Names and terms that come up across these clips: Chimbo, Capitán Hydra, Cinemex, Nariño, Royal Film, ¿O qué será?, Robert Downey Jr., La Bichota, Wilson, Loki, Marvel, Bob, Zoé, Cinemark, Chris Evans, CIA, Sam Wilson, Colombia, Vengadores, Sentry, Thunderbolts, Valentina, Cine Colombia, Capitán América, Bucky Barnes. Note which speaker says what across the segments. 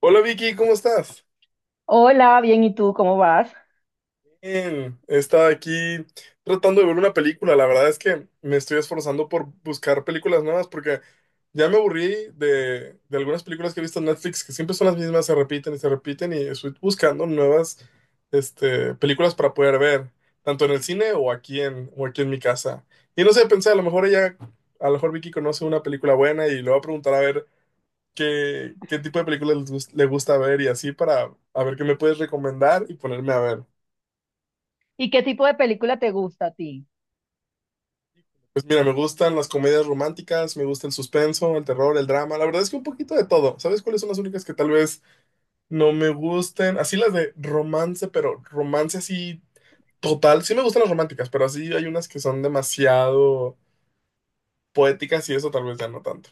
Speaker 1: Hola Vicky, ¿cómo estás?
Speaker 2: Hola, bien, ¿y tú cómo vas?
Speaker 1: Bien, estaba aquí tratando de ver una película. La verdad es que me estoy esforzando por buscar películas nuevas porque ya me aburrí de algunas películas que he visto en Netflix que siempre son las mismas, se repiten y estoy buscando nuevas películas para poder ver, tanto en el cine o o aquí en mi casa. Y no sé, pensé, a lo mejor Vicky conoce una película buena y le voy a preguntar a ver qué tipo de películas le gusta ver y así para a ver qué me puedes recomendar y ponerme a ver.
Speaker 2: ¿Y qué tipo de película te gusta a ti?
Speaker 1: Pues mira, me gustan las comedias románticas, me gusta el suspenso, el terror, el drama, la verdad es que un poquito de todo. ¿Sabes cuáles son las únicas que tal vez no me gusten? Así las de romance, pero romance así total. Sí me gustan las románticas, pero así hay unas que son demasiado poéticas y eso tal vez ya no tanto.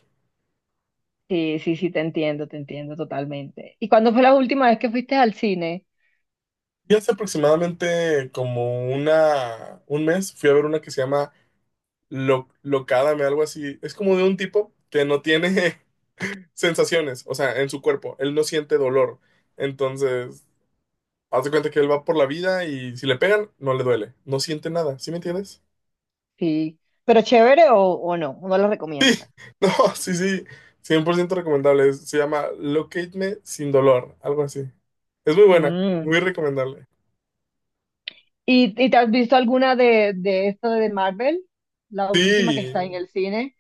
Speaker 2: Sí, sí, sí, te entiendo totalmente. ¿Y cuándo fue la última vez que fuiste al cine?
Speaker 1: Y hace aproximadamente como un mes fui a ver una que se llama locádame, algo así. Es como de un tipo que no tiene sensaciones, o sea, en su cuerpo. Él no siente dolor. Entonces, haz de cuenta que él va por la vida y si le pegan, no le duele. No siente nada, ¿sí me entiendes?
Speaker 2: Sí, pero chévere o no, no lo recomiendas.
Speaker 1: No, sí, sí, 100% recomendable. Se llama Locate Me Sin Dolor, algo así. Es muy buena,
Speaker 2: Mm.
Speaker 1: muy recomendable.
Speaker 2: ¿Y te has visto alguna de esto de Marvel? La última que está en
Speaker 1: Sí,
Speaker 2: el cine.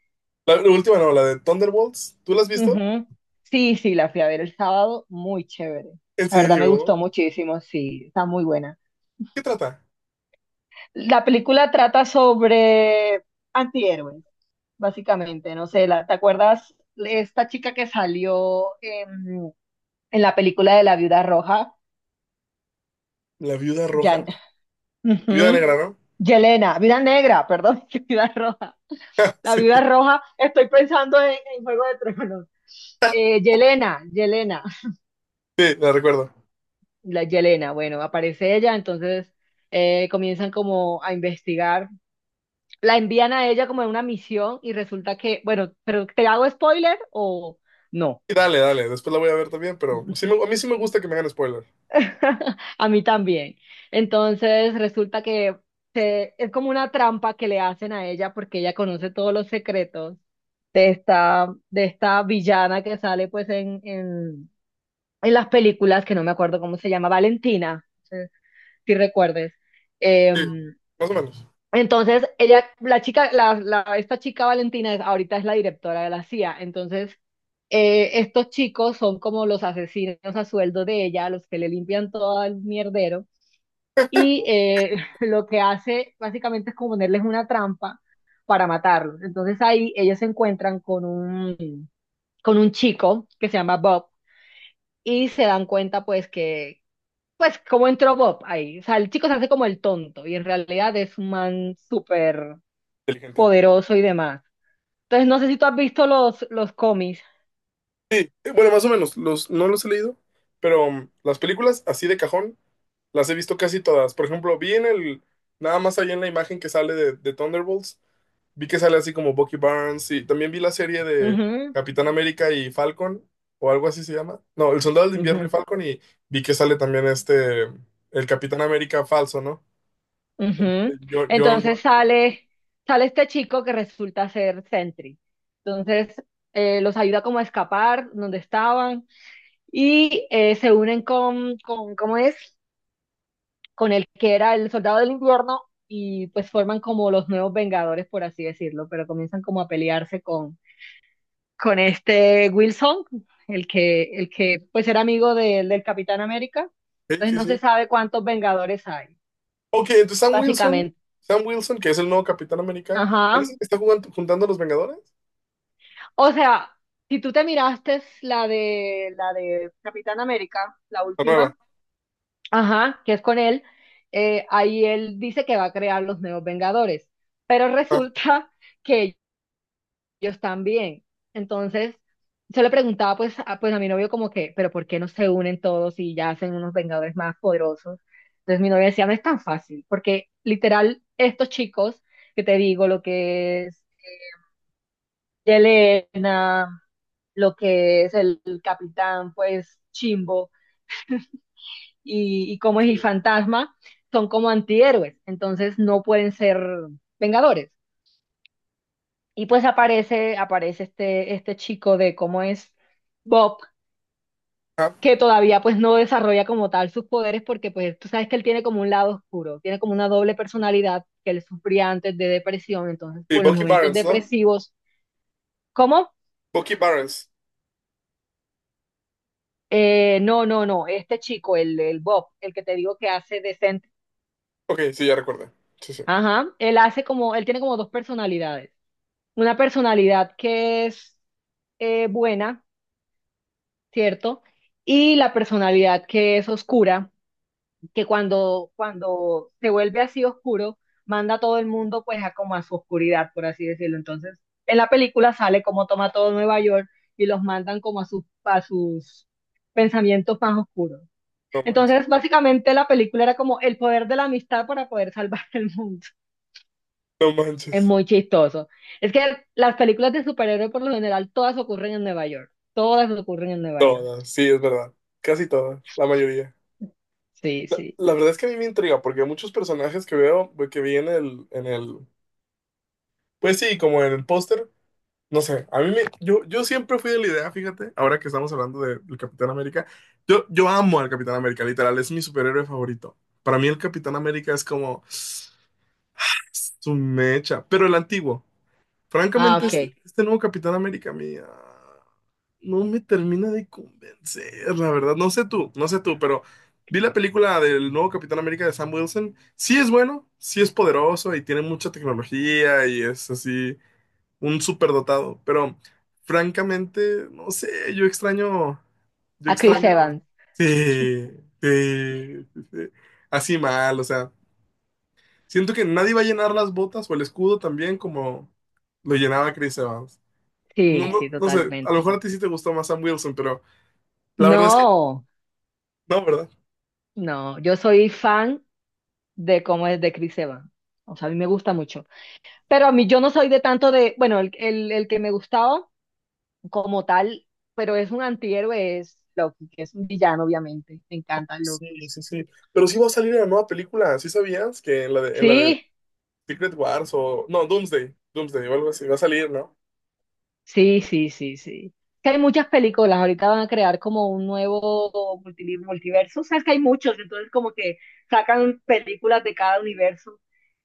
Speaker 1: la última no, la de Thunderbolts. ¿Tú la has visto?
Speaker 2: Ujú. Sí, sí, la fui a ver el sábado, muy chévere.
Speaker 1: ¿En
Speaker 2: La verdad me gustó
Speaker 1: serio?
Speaker 2: muchísimo, sí, está muy buena.
Speaker 1: ¿Qué trata?
Speaker 2: La película trata sobre antihéroes. Básicamente, no sé, la, ¿te acuerdas esta chica que salió en la película de la viuda roja?
Speaker 1: La viuda roja.
Speaker 2: Jan,
Speaker 1: Viuda
Speaker 2: ujú,
Speaker 1: negra, ¿no?
Speaker 2: Yelena, viuda negra, perdón, que viuda roja. La
Speaker 1: Sí,
Speaker 2: viuda roja, estoy pensando en Juego de Tronos. Yelena, Yelena,
Speaker 1: sí, la recuerdo.
Speaker 2: la Yelena, bueno, aparece ella, entonces comienzan como a investigar, la envían a ella como en una misión y resulta que, bueno, pero ¿te hago spoiler o no?
Speaker 1: Y dale, dale, después la voy a ver también, pero a mí sí me gusta que me hagan spoiler.
Speaker 2: A mí también. Entonces resulta que es como una trampa que le hacen a ella porque ella conoce todos los secretos de esta villana que sale pues en las películas, que no me acuerdo cómo se llama, Valentina, no sé si recuerdes. Eh,
Speaker 1: Sí, más o menos.
Speaker 2: entonces ella, la chica, esta chica Valentina ahorita es la directora de la CIA. Entonces estos chicos son como los asesinos a sueldo de ella, los que le limpian todo el mierdero y lo que hace básicamente es como ponerles una trampa para matarlos. Entonces ahí ellos se encuentran con un chico que se llama Bob y se dan cuenta pues que, pues cómo entró Bob ahí. O sea, el chico se hace como el tonto y en realidad es un man súper
Speaker 1: Inteligente.
Speaker 2: poderoso y demás. Entonces no sé si tú has visto los cómics.
Speaker 1: Sí, bueno, más o menos. No los he leído, pero las películas así de cajón las he visto casi todas. Por ejemplo, nada más ahí en la imagen que sale de Thunderbolts, vi que sale así como Bucky Barnes y también vi la serie de
Speaker 2: Ujú,
Speaker 1: Capitán América y Falcon, o algo así se llama. No, El Soldado del Invierno y
Speaker 2: ujú.
Speaker 1: Falcon y vi que sale también el Capitán América falso, ¿no?
Speaker 2: Ujú.
Speaker 1: John.
Speaker 2: Entonces sale, sale este chico que resulta ser Sentry. Entonces los ayuda como a escapar donde estaban y se unen ¿cómo es? Con el que era el soldado del invierno y pues forman como los nuevos Vengadores, por así decirlo, pero comienzan como a pelearse con este Wilson, el que pues era amigo del Capitán América.
Speaker 1: Sí.
Speaker 2: Entonces
Speaker 1: Sí, sí,
Speaker 2: no se
Speaker 1: sí.
Speaker 2: sabe cuántos Vengadores hay,
Speaker 1: Ok, entonces Sam Wilson,
Speaker 2: básicamente.
Speaker 1: Sam Wilson, que es el nuevo Capitán América, él es
Speaker 2: Ajá.
Speaker 1: el que está juntando a los Vengadores.
Speaker 2: O sea, si tú te miraste la de Capitán América, la
Speaker 1: La nueva.
Speaker 2: última, ajá, que es con él, ahí él dice que va a crear los nuevos Vengadores, pero
Speaker 1: Ah,
Speaker 2: resulta que ellos también. Entonces, yo le preguntaba pues a mi novio como que, pero ¿por qué no se unen todos y ya hacen unos Vengadores más poderosos? Entonces mi novio decía, no es tan fácil, porque literal estos chicos que te digo, lo que es Yelena, lo que es el capitán, pues Chimbo y como es
Speaker 1: sí.
Speaker 2: el fantasma, son como antihéroes, entonces no pueden ser vengadores. Y pues aparece, aparece este chico de cómo es Bob,
Speaker 1: Ajá.
Speaker 2: que todavía pues no desarrolla como tal sus poderes porque pues tú sabes que él tiene como un lado oscuro, tiene como una doble personalidad que él sufría antes de depresión, entonces
Speaker 1: Sí,
Speaker 2: pues en los
Speaker 1: Bucky
Speaker 2: momentos
Speaker 1: Barnes, ¿no?
Speaker 2: depresivos, ¿cómo?
Speaker 1: Bucky Barnes.
Speaker 2: No, no, no, este chico, el Bob, el que te digo que hace de Saint.
Speaker 1: Ok, sí, ya recuerdo. Sí, sí.
Speaker 2: Ajá, él hace como, él tiene como dos personalidades. Una personalidad que es buena, ¿cierto? Y la personalidad que es oscura, que cuando se vuelve así oscuro, manda a todo el mundo pues a como a su oscuridad, por así decirlo. Entonces, en la película sale como toma todo Nueva York y los mandan como a sus pensamientos más oscuros.
Speaker 1: No manches.
Speaker 2: Entonces, básicamente la película era como el poder de la amistad para poder salvar el mundo.
Speaker 1: No
Speaker 2: Es
Speaker 1: manches.
Speaker 2: muy chistoso. Es que las películas de superhéroes por lo general todas ocurren en Nueva York. Todas ocurren en Nueva York.
Speaker 1: Todas, sí, es verdad. Casi todas, la mayoría.
Speaker 2: Sí,
Speaker 1: La,
Speaker 2: sí.
Speaker 1: la verdad es que a mí me intriga porque muchos personajes que veo, que vi pues sí, como en el póster. No sé, a mí me, yo siempre fui de la idea, fíjate, ahora que estamos hablando del Capitán América, yo amo al Capitán América, literal, es mi superhéroe favorito. Para mí el Capitán América es como su mecha, pero el antiguo.
Speaker 2: Ah,
Speaker 1: Francamente, ah,
Speaker 2: ok.
Speaker 1: este nuevo Capitán América mía no me termina de convencer, la verdad. No sé tú, no sé tú, pero vi la película del nuevo Capitán América de Sam Wilson. Sí es bueno, sí es poderoso y tiene mucha tecnología y es así un superdotado, pero francamente, no sé, yo extraño, yo A tu
Speaker 2: A Chris
Speaker 1: extraño,
Speaker 2: Evans.
Speaker 1: sí, sí, sí, sí, así mal, o sea, siento que nadie va a llenar las botas o el escudo también como lo llenaba Chris Evans. No,
Speaker 2: Sí, sí,
Speaker 1: no, no sé, a lo
Speaker 2: totalmente.
Speaker 1: mejor a ti sí te gustó más Sam Wilson, pero la verdad es no, que
Speaker 2: No,
Speaker 1: no, ¿verdad?
Speaker 2: no. Yo soy fan de cómo es de Chris Evans. O sea, a mí me gusta mucho. Pero a mí yo no soy de tanto de, bueno, el que me gustaba como tal, pero es un antihéroe, es Loki, que es un villano, obviamente. Me encanta
Speaker 1: Sí,
Speaker 2: Loki.
Speaker 1: sí, sí. Pero sí va a salir una nueva película, ¿sí sabías? Que en la de, en la sí, de sí,
Speaker 2: Sí,
Speaker 1: Secret Wars o... No, Doomsday, Doomsday o algo así, va a salir, ¿no?
Speaker 2: sí, sí, sí, sí. Que hay muchas películas, ahorita van a crear como un nuevo multiverso, o sea, que hay muchos, entonces como que sacan películas de cada universo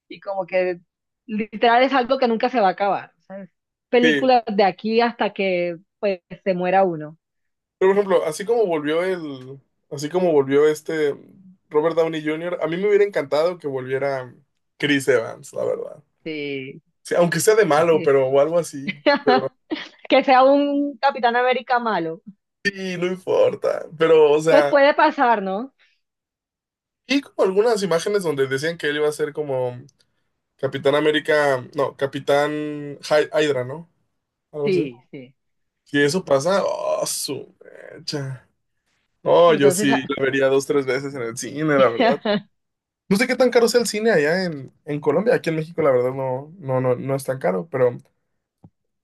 Speaker 2: y como que literal es algo que nunca se va a acabar, ¿sabes?
Speaker 1: Sí.
Speaker 2: Películas de aquí hasta que pues se muera uno.
Speaker 1: Pero, por ejemplo, así como volvió este Robert Downey Jr., a mí me hubiera encantado que volviera Chris Evans, la verdad.
Speaker 2: Sí,
Speaker 1: Sí, aunque sea de malo,
Speaker 2: sí.
Speaker 1: pero o algo así.
Speaker 2: Que sea un Capitán América malo.
Speaker 1: Sí, no importa. Pero, o
Speaker 2: Pues
Speaker 1: sea,
Speaker 2: puede pasar, ¿no?
Speaker 1: y como algunas imágenes donde decían que él iba a ser como Capitán América, no, Capitán Hydra, ¿no? Algo así.
Speaker 2: Sí, sí,
Speaker 1: Si
Speaker 2: sí,
Speaker 1: eso
Speaker 2: sí,
Speaker 1: pasa,
Speaker 2: sí.
Speaker 1: oh, su mecha. No, yo
Speaker 2: Entonces,
Speaker 1: sí la vería dos, tres veces en el cine, la verdad. No sé qué tan caro sea el cine allá en Colombia. Aquí en México, la verdad, no, no, no, no es tan caro, pero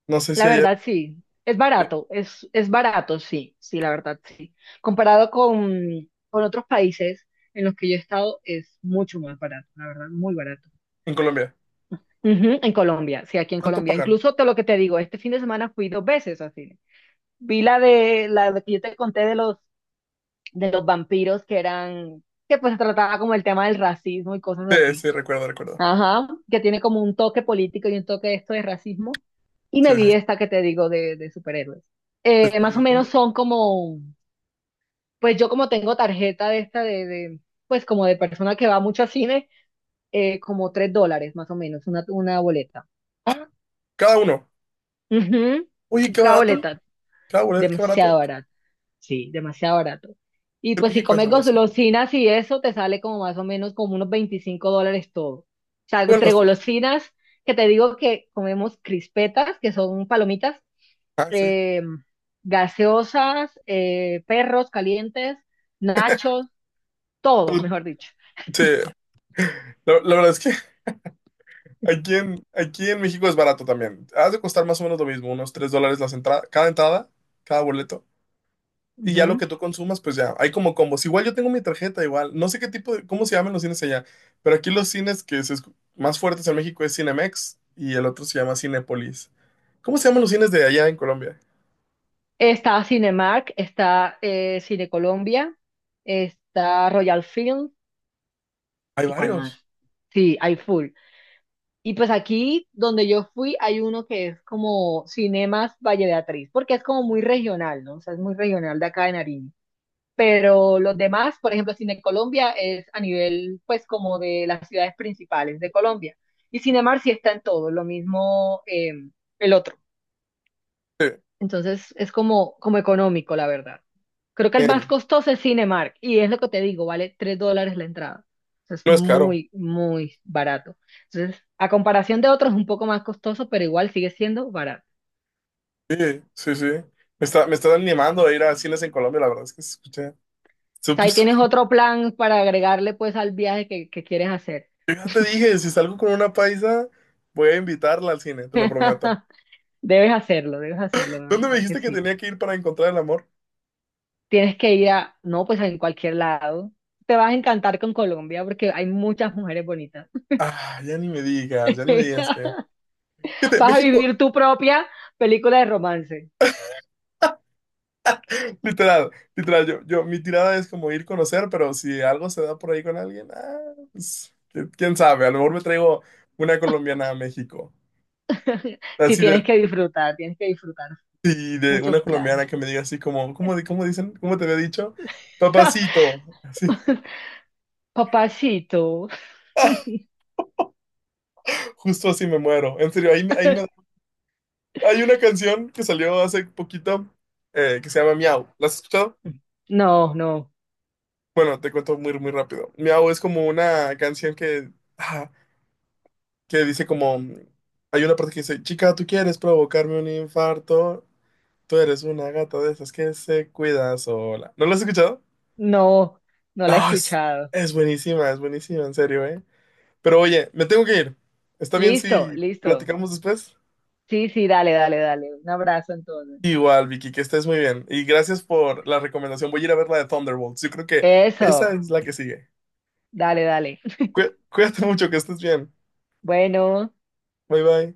Speaker 1: no sé si
Speaker 2: la
Speaker 1: allá
Speaker 2: verdad, sí. Es barato, es barato, sí, sí, la verdad, sí. Comparado con otros países en los que yo he estado, es mucho más barato, la verdad, muy barato.
Speaker 1: en Colombia.
Speaker 2: Ujú, en Colombia, sí, aquí en
Speaker 1: ¿Cuánto
Speaker 2: Colombia.
Speaker 1: pagan?
Speaker 2: Incluso te lo que te digo, este fin de semana fui 2 veces al cine. Vi la de que yo te conté de los vampiros que eran, que pues trataba como el tema del racismo y cosas
Speaker 1: Sí,
Speaker 2: así.
Speaker 1: sí, recuerdo, recuerdo.
Speaker 2: Ajá, que tiene como un toque político y un toque de esto de racismo. Y me
Speaker 1: Sí, sí.
Speaker 2: vi esta que te digo de superhéroes.
Speaker 1: Está-
Speaker 2: Más o menos
Speaker 1: está-
Speaker 2: son como, pues yo como tengo tarjeta de esta pues como de persona que va mucho al cine, como 3 dólares más o menos, una boleta.
Speaker 1: Ah, cada uno.
Speaker 2: Ujú,
Speaker 1: Oye, qué
Speaker 2: cada
Speaker 1: barato.
Speaker 2: boleta,
Speaker 1: Cada boleto, qué
Speaker 2: demasiado
Speaker 1: barato.
Speaker 2: barata. Sí, demasiado barato. Y
Speaker 1: En
Speaker 2: pues si
Speaker 1: México es
Speaker 2: comes
Speaker 1: algo así.
Speaker 2: golosinas y eso, te sale como más o menos como unos 25 dólares todo. O sea,
Speaker 1: Bueno,
Speaker 2: entre
Speaker 1: sí.
Speaker 2: golosinas, que te digo que comemos crispetas, que son palomitas,
Speaker 1: Ah, sí.
Speaker 2: eh, gaseosas, perros calientes, nachos, todo,
Speaker 1: Pero,
Speaker 2: mejor dicho.
Speaker 1: sí, la verdad es que aquí en México es barato también. Has de costar más o menos lo mismo, unos $3 las entradas, cada entrada, cada boleto. Y ya lo
Speaker 2: Ujú.
Speaker 1: que tú consumas, pues ya, hay como combos. Igual yo tengo mi tarjeta, igual. No sé cómo se llaman los cines allá, pero aquí los cines más fuertes en México es Cinemex y el otro se llama Cinépolis. ¿Cómo se llaman los cines de allá en Colombia?
Speaker 2: Está Cinemark, está Cine Colombia, está Royal Film,
Speaker 1: Hay
Speaker 2: ¿y cuál más?
Speaker 1: varios.
Speaker 2: Sí, hay full. Y pues aquí donde yo fui hay uno que es como Cinemas Valle Beatriz, porque es como muy regional, ¿no? O sea, es muy regional de acá de Nariño. Pero los demás, por ejemplo, Cine Colombia es a nivel, pues, como de las ciudades principales de Colombia. Y Cinemar sí está en todo, lo mismo el otro.
Speaker 1: Sí.
Speaker 2: Entonces es como, como económico, la verdad. Creo que el más
Speaker 1: Bien.
Speaker 2: costoso es Cinemark y es lo que te digo, vale 3 dólares la entrada. Entonces es
Speaker 1: No es caro.
Speaker 2: muy, muy barato. Entonces, a comparación de otros, es un poco más costoso, pero igual sigue siendo barato.
Speaker 1: Sí, sí, sí. Me está animando a ir a cines en Colombia, la verdad es que se escucha
Speaker 2: O sea,
Speaker 1: súper,
Speaker 2: ahí tienes
Speaker 1: súper.
Speaker 2: otro plan para agregarle pues al viaje que quieres hacer.
Speaker 1: Yo ya te dije, si salgo con una paisa, voy a invitarla al cine, te lo prometo.
Speaker 2: Debes hacerlo, de
Speaker 1: ¿Dónde me
Speaker 2: verdad que
Speaker 1: dijiste que
Speaker 2: sí.
Speaker 1: tenía que ir para encontrar el amor?
Speaker 2: Tienes que ir a, no, pues en cualquier lado. Te vas a encantar con Colombia porque hay muchas mujeres bonitas.
Speaker 1: Ah, ya ni me digas, ya ni me digas que. Fíjate,
Speaker 2: Vas a
Speaker 1: México,
Speaker 2: vivir tu propia película de romance.
Speaker 1: literal, literal, mi tirada es como ir a conocer, pero si algo se da por ahí con alguien, ah, pues, quién sabe, a lo mejor me traigo una colombiana a México.
Speaker 2: Si
Speaker 1: Así
Speaker 2: tienes
Speaker 1: de,
Speaker 2: que disfrutar, tienes que disfrutar
Speaker 1: sí, de una
Speaker 2: muchos planes.
Speaker 1: colombiana que me diga así como, ¿cómo, cómo dicen? ¿Cómo te había dicho? Papacito, así,
Speaker 2: Papacito.
Speaker 1: justo así me muero. En serio, hay una canción que salió hace poquito que se llama Miau. ¿La has escuchado?
Speaker 2: No, no,
Speaker 1: Bueno, te cuento muy, muy rápido. Miau es como una canción que... que dice como, hay una parte que dice, chica, tú quieres provocarme un infarto, tú eres una gata de esas que se cuida sola. ¿No lo has escuchado?
Speaker 2: no, no la he
Speaker 1: No,
Speaker 2: escuchado.
Speaker 1: es buenísima, en serio, ¿eh? Pero oye, me tengo que ir. ¿Está bien
Speaker 2: Listo,
Speaker 1: si
Speaker 2: listo.
Speaker 1: platicamos después?
Speaker 2: Sí, sí, dale, dale, dale. Un abrazo entonces.
Speaker 1: Igual, Vicky, que estés muy bien. Y gracias por la recomendación. Voy a ir a ver la de Thunderbolts. Yo creo que esa
Speaker 2: Eso,
Speaker 1: es la que sigue.
Speaker 2: dale, dale.
Speaker 1: Cuídate mucho, que estés bien.
Speaker 2: Bueno.
Speaker 1: Bye bye.